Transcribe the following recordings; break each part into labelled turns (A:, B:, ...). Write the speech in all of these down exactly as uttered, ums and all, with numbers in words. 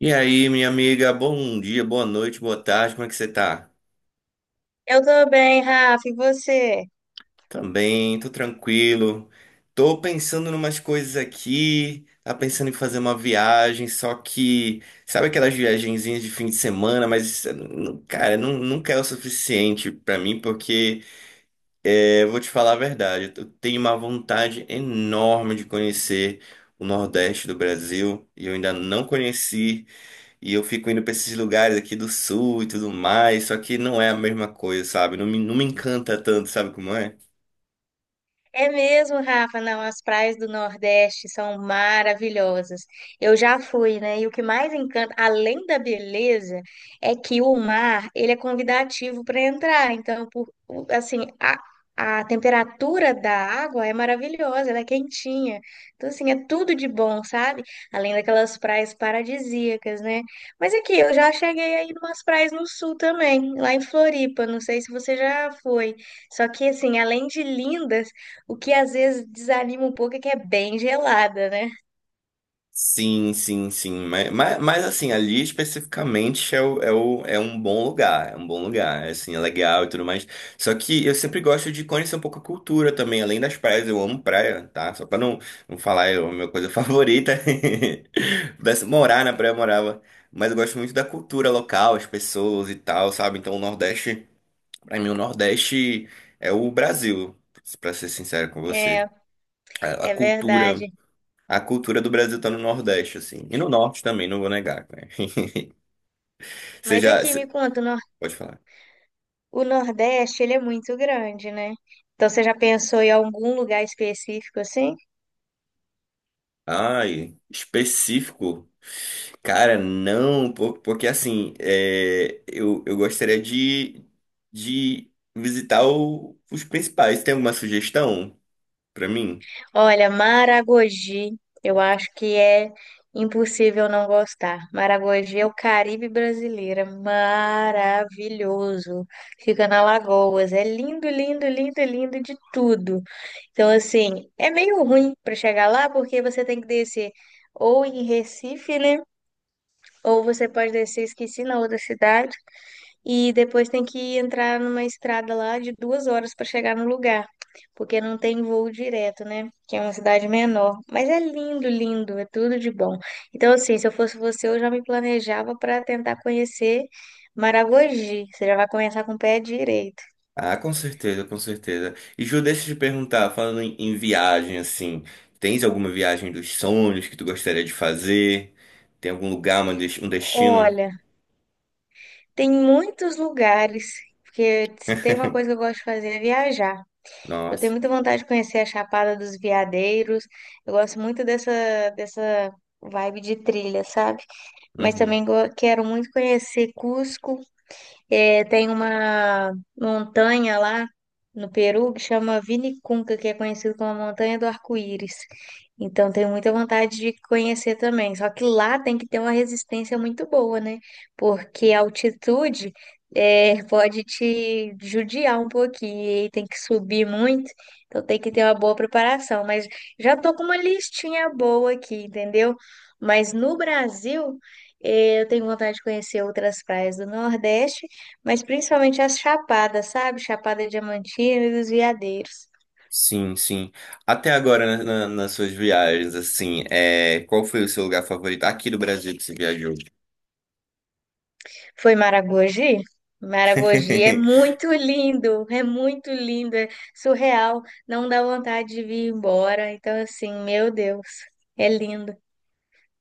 A: E aí, minha amiga, bom dia, boa noite, boa tarde, como é que você tá?
B: Eu tô bem, Rafa, e você?
A: Também, tô tranquilo. Tô pensando em umas coisas aqui, tá pensando em fazer uma viagem, só que, sabe aquelas viagenzinhas de fim de semana, mas, não- cara, não, nunca é o suficiente pra mim, porque, é, eu vou te falar a verdade, eu tenho uma vontade enorme de conhecer o Nordeste do Brasil e eu ainda não conheci. E eu fico indo pra esses lugares aqui do sul e tudo mais, só que não é a mesma coisa, sabe? Não me, não me encanta tanto, sabe como é?
B: É mesmo, Rafa. Não, as praias do Nordeste são maravilhosas. Eu já fui, né? E o que mais encanta, além da beleza, é que o mar, ele é convidativo para entrar. Então, por, o- assim, a, a temperatura da água é maravilhosa, ela é quentinha. Então, assim, é tudo de bom, sabe? Além daquelas praias paradisíacas, né? Mas aqui, eu já cheguei aí umas praias no sul também, lá em Floripa. Não sei se você já foi. Só que, assim, além de lindas o que às vezes desanima um pouco é que é bem gelada, né?
A: Sim, sim, sim. Mas, mas, mas, assim, ali especificamente é, o, é, o, é um bom lugar, é um bom lugar, é, assim, é legal e tudo mais. Só que eu sempre gosto de conhecer um pouco a cultura também, além das praias, eu amo praia, tá? Só pra não, não falar, é a minha coisa favorita. Pudesse morar na praia, eu morava. Mas eu gosto muito da cultura local, as pessoas e tal, sabe? Então o Nordeste. Para mim, o Nordeste é o Brasil, para ser sincero com você.
B: É,
A: A a
B: é
A: cultura,
B: verdade.
A: a cultura do Brasil tá no Nordeste, assim. E no Norte também, não vou negar, né? Você
B: Mas
A: já,
B: aqui me
A: você-
B: conta, o Nor-
A: Pode falar.
B: o Nordeste, ele é muito grande, né? Então você já pensou em algum lugar específico assim?
A: Ai, específico. Cara, não, po- Porque assim, é, eu, eu gostaria de, de visitar o- os principais. Tem alguma sugestão para mim?
B: Olha, Maragogi, eu acho que é impossível não gostar. Maragogi é o Caribe brasileiro, é maravilhoso. Fica na Lagoas, é lindo, lindo, lindo, lindo de tudo. Então, assim, é meio ruim para chegar lá porque você tem que descer ou em Recife, né? Ou você pode descer, esqueci, na outra cidade. E depois tem que entrar numa estrada lá de duas horas para chegar no lugar, porque não tem voo direto, né? Que é uma cidade menor. Mas é lindo, lindo, é tudo de bom. Então, assim, se eu fosse você, eu já me planejava para tentar conhecer Maragogi. Você já vai começar com o pé direito.
A: Ah, com certeza, com certeza. E Ju, deixa eu te perguntar, falando em, em viagem, assim, tens alguma viagem dos sonhos que tu gostaria de fazer? Tem algum lugar, uma des- um destino?
B: Olha. Tem muitos lugares, porque se tem uma coisa que eu gosto de fazer é viajar. Eu tenho
A: Nossa.
B: muita vontade de conhecer a Chapada dos Veadeiros. Eu gosto muito dessa, dessa vibe de trilha, sabe? Mas
A: Uhum.
B: também go- quero muito conhecer Cusco. É, tem uma montanha lá no Peru que chama Vinicunca, que é conhecido como a Montanha do Arco-Íris. Então, tenho muita vontade de conhecer também. Só que lá tem que ter uma resistência muito boa, né? Porque a altitude é, pode te judiar um pouquinho e tem que subir muito. Então, tem que ter uma boa preparação. Mas já tô com uma listinha boa aqui, entendeu? Mas no Brasil. Eh, Eu tenho vontade de conhecer outras praias do Nordeste. Mas principalmente as chapadas, sabe? Chapada Diamantina e os Veadeiros.
A: Sim, sim. Até agora, na- na- nas suas viagens, assim, é, qual foi o seu lugar favorito aqui do Brasil que você viajou?
B: Foi Maragogi? Maragogi é muito lindo, é muito lindo, é surreal, não dá vontade de vir embora. Então, assim, meu Deus, é lindo.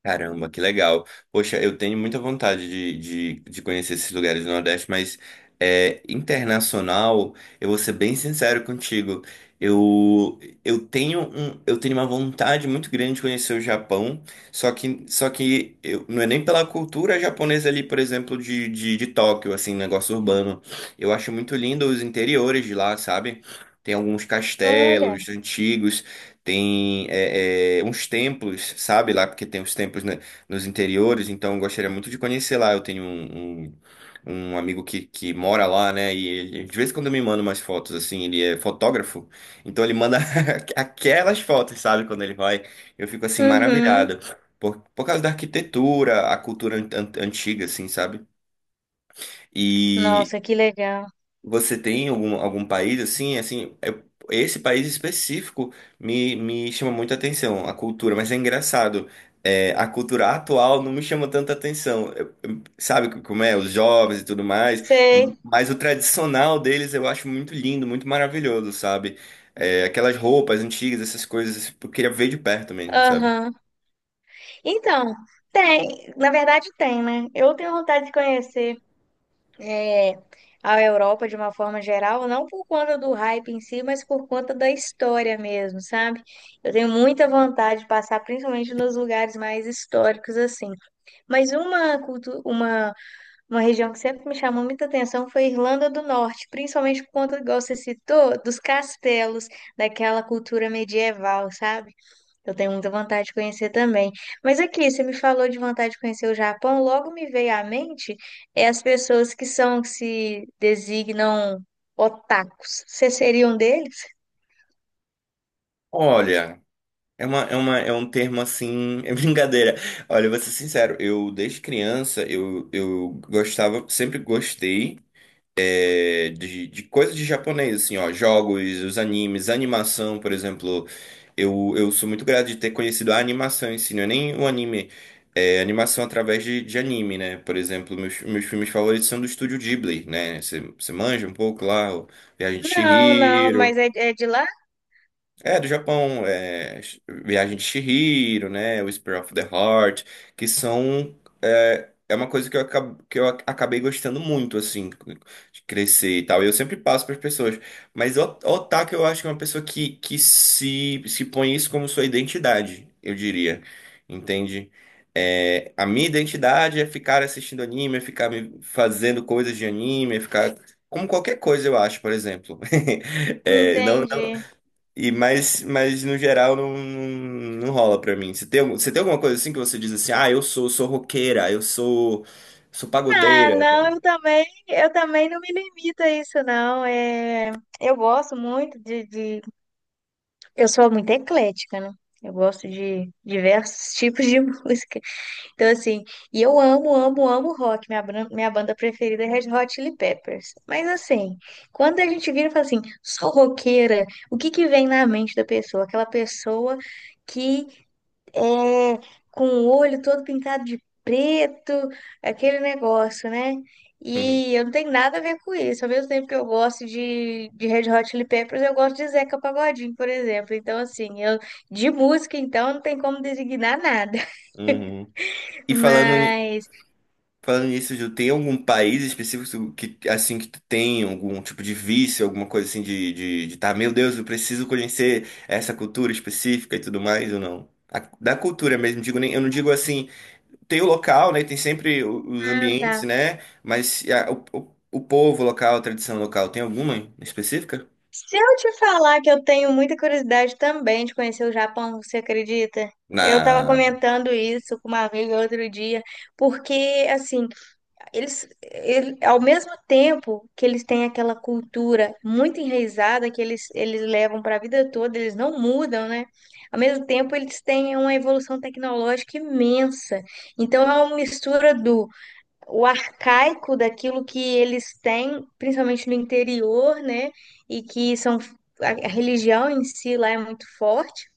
A: Caramba, que legal. Poxa, eu tenho muita vontade de, de, de conhecer esses lugares do Nordeste, mas é, internacional, eu vou ser bem sincero contigo. Eu, eu tenho um, eu tenho uma vontade muito grande de conhecer o Japão, só que, só que eu, não é nem pela cultura japonesa ali, por exemplo, de, de, de Tóquio, assim, negócio urbano. Eu acho muito lindo os interiores de lá, sabe? Tem alguns
B: Olha,
A: castelos antigos. Tem é, é, uns templos, sabe, lá, porque tem uns templos né, nos interiores, então eu gostaria muito de conhecer lá. Eu tenho um, um, um amigo que, que mora lá, né? E ele, de vez em quando me manda umas fotos, assim, ele é fotógrafo, então ele manda aquelas fotos, sabe, quando ele vai. Eu fico assim,
B: uhum.
A: maravilhado. Por, por causa da arquitetura, a cultura an- an- antiga, assim, sabe? E
B: Nossa, que legal.
A: você tem algum, algum país assim, assim, eu- esse país específico me, me chama muita atenção, a cultura, mas é engraçado, é, a cultura atual não me chama tanta atenção. Eu- eu- sabe como é, os jovens e tudo mais, m-
B: Sei,
A: mas o tradicional deles eu acho muito lindo, muito maravilhoso, sabe? É, aquelas roupas antigas, essas coisas, eu queria ver de perto mesmo, sabe?
B: aham. Então, tem, na verdade tem, né? Eu tenho vontade de conhecer. é, À Europa de uma forma geral, não por conta do hype em si, mas por conta da história mesmo, sabe? Eu tenho muita vontade de passar, principalmente nos lugares mais históricos assim. Mas uma, cultu- uma, uma região que sempre me chamou muita atenção foi a Irlanda do Norte, principalmente por conta, igual você citou, dos castelos, daquela cultura medieval, sabe? Eu tenho muita vontade de conhecer também. Mas aqui, você me falou de vontade de conhecer o Japão, logo me veio à mente é as pessoas que são, que se designam otakus. Você seria um deles?
A: Olha. É uma, é uma, é um termo assim, é brincadeira. Olha, eu vou ser sincero, eu desde criança, eu, eu gostava, sempre gostei é, de, de coisas de japonês, assim, ó, jogos, os animes, animação, por exemplo. Eu, eu sou muito grato de ter conhecido a animação em si, não é nem o anime, é animação através de, de anime, né? Por exemplo, meus, meus filmes favoritos são do estúdio Ghibli, né? Você você manja um pouco lá, o Viagem de
B: Não, não, mas
A: Chihiro.
B: é, é de lá?
A: É, do Japão, é, Sh- Viagem de Chihiro, né, o Whisper of the Heart, que são, é, é uma coisa que eu, acab- que eu ac- acabei gostando muito, assim, de crescer e tal, e eu sempre passo para as pessoas, mas o o otaku eu acho que é uma pessoa que, que se, se põe isso como sua identidade, eu diria, entende? É, a minha identidade é ficar assistindo anime, é ficar me fazendo coisas de anime, é ficar... Como qualquer coisa, eu acho, por exemplo. É, não
B: Entendi.
A: e mas, mas no geral não, não, não rola pra mim. Você tem, algum- você tem alguma coisa assim que você diz assim, ah, eu sou, sou roqueira, eu sou, sou
B: Ah,
A: pagodeira.
B: não, eu também, eu também não me limito a isso, não. É, eu gosto muito de, de- Eu sou muito eclética, né? Eu gosto de diversos tipos de música. Então, assim, e eu amo, amo, amo rock. Minha, bran- minha banda preferida é Red Hot Chili Peppers. Mas, assim, quando a gente vira e fala assim, sou roqueira, o que que vem na mente da pessoa? Aquela pessoa que é com o olho todo pintado de preto, aquele negócio, né?
A: Uhum,
B: E eu não tenho nada a ver com isso. Ao mesmo tempo que eu gosto de, de Red Hot Chili Peppers, eu gosto de Zeca Pagodinho, por exemplo. Então, assim, eu, de música, então, não tem como designar nada.
A: uhum. E falando, ni-
B: Mas.
A: falando nisso, Ju, tem algum país específico que assim que tu tem algum tipo de vício, alguma coisa assim de, de, de tá, meu Deus, eu preciso conhecer essa cultura específica e tudo mais ou não? A- da cultura mesmo, digo nem, eu não digo assim. Tem o local, né? Tem sempre o- os
B: Ah,
A: ambientes,
B: tá.
A: né? Mas e a- o, o, o povo local, a tradição local, tem alguma específica?
B: Se eu te falar que eu tenho muita curiosidade também de conhecer o Japão, você acredita? Eu estava
A: Na...
B: comentando isso com uma amiga outro dia, porque assim, eles, ele, ao mesmo tempo que eles têm aquela cultura muito enraizada que eles, eles levam para a vida toda, eles não mudam, né? Ao mesmo tempo, eles têm uma evolução tecnológica imensa. Então, é uma mistura do o arcaico daquilo que eles têm, principalmente no interior, né? E que são a a religião em si lá é muito forte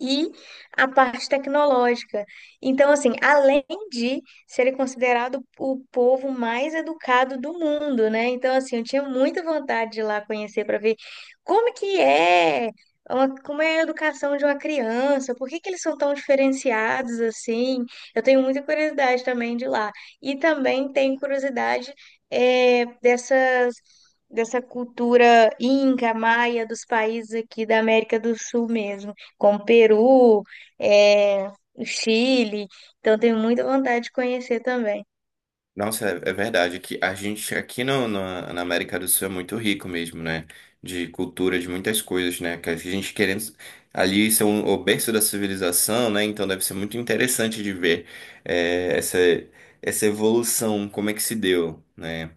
B: e a parte tecnológica. Então, assim, além de ser considerado o povo mais educado do mundo, né? Então, assim, eu tinha muita vontade de ir lá conhecer para ver como que é, uma- como é a educação de uma criança, por que que eles são tão diferenciados assim. Eu tenho muita curiosidade também de ir lá. E também tenho curiosidade é, dessas dessa cultura inca, maia dos países aqui da América do Sul mesmo como Peru, é, Chile. Então, tenho muita vontade de conhecer também.
A: Nossa, é, é verdade que a gente aqui no, na, na América do Sul é muito rico mesmo, né? De cultura, de muitas coisas, né? Que a gente querendo ali ser um- o berço da civilização, né? Então deve ser muito interessante de ver eh, essa, essa evolução, como é que se deu, né?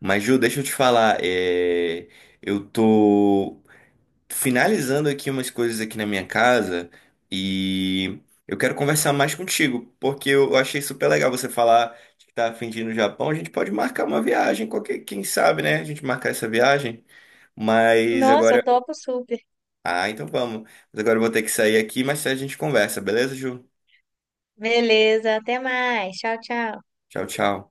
A: Mas, Ju, deixa eu te falar, eh, eu tô finalizando aqui umas coisas aqui na minha casa e eu quero conversar mais contigo, porque eu achei super legal você falar que tá a fim de ir no Japão. A gente pode marcar uma viagem, qualquer, quem sabe, né? A gente marcar essa viagem, mas
B: Nossa, eu
A: agora.
B: topo super.
A: Ah, então vamos. Mas agora eu vou ter que sair aqui, mas a gente conversa, beleza, Ju?
B: Beleza, até mais. Tchau, tchau.
A: Tchau, tchau.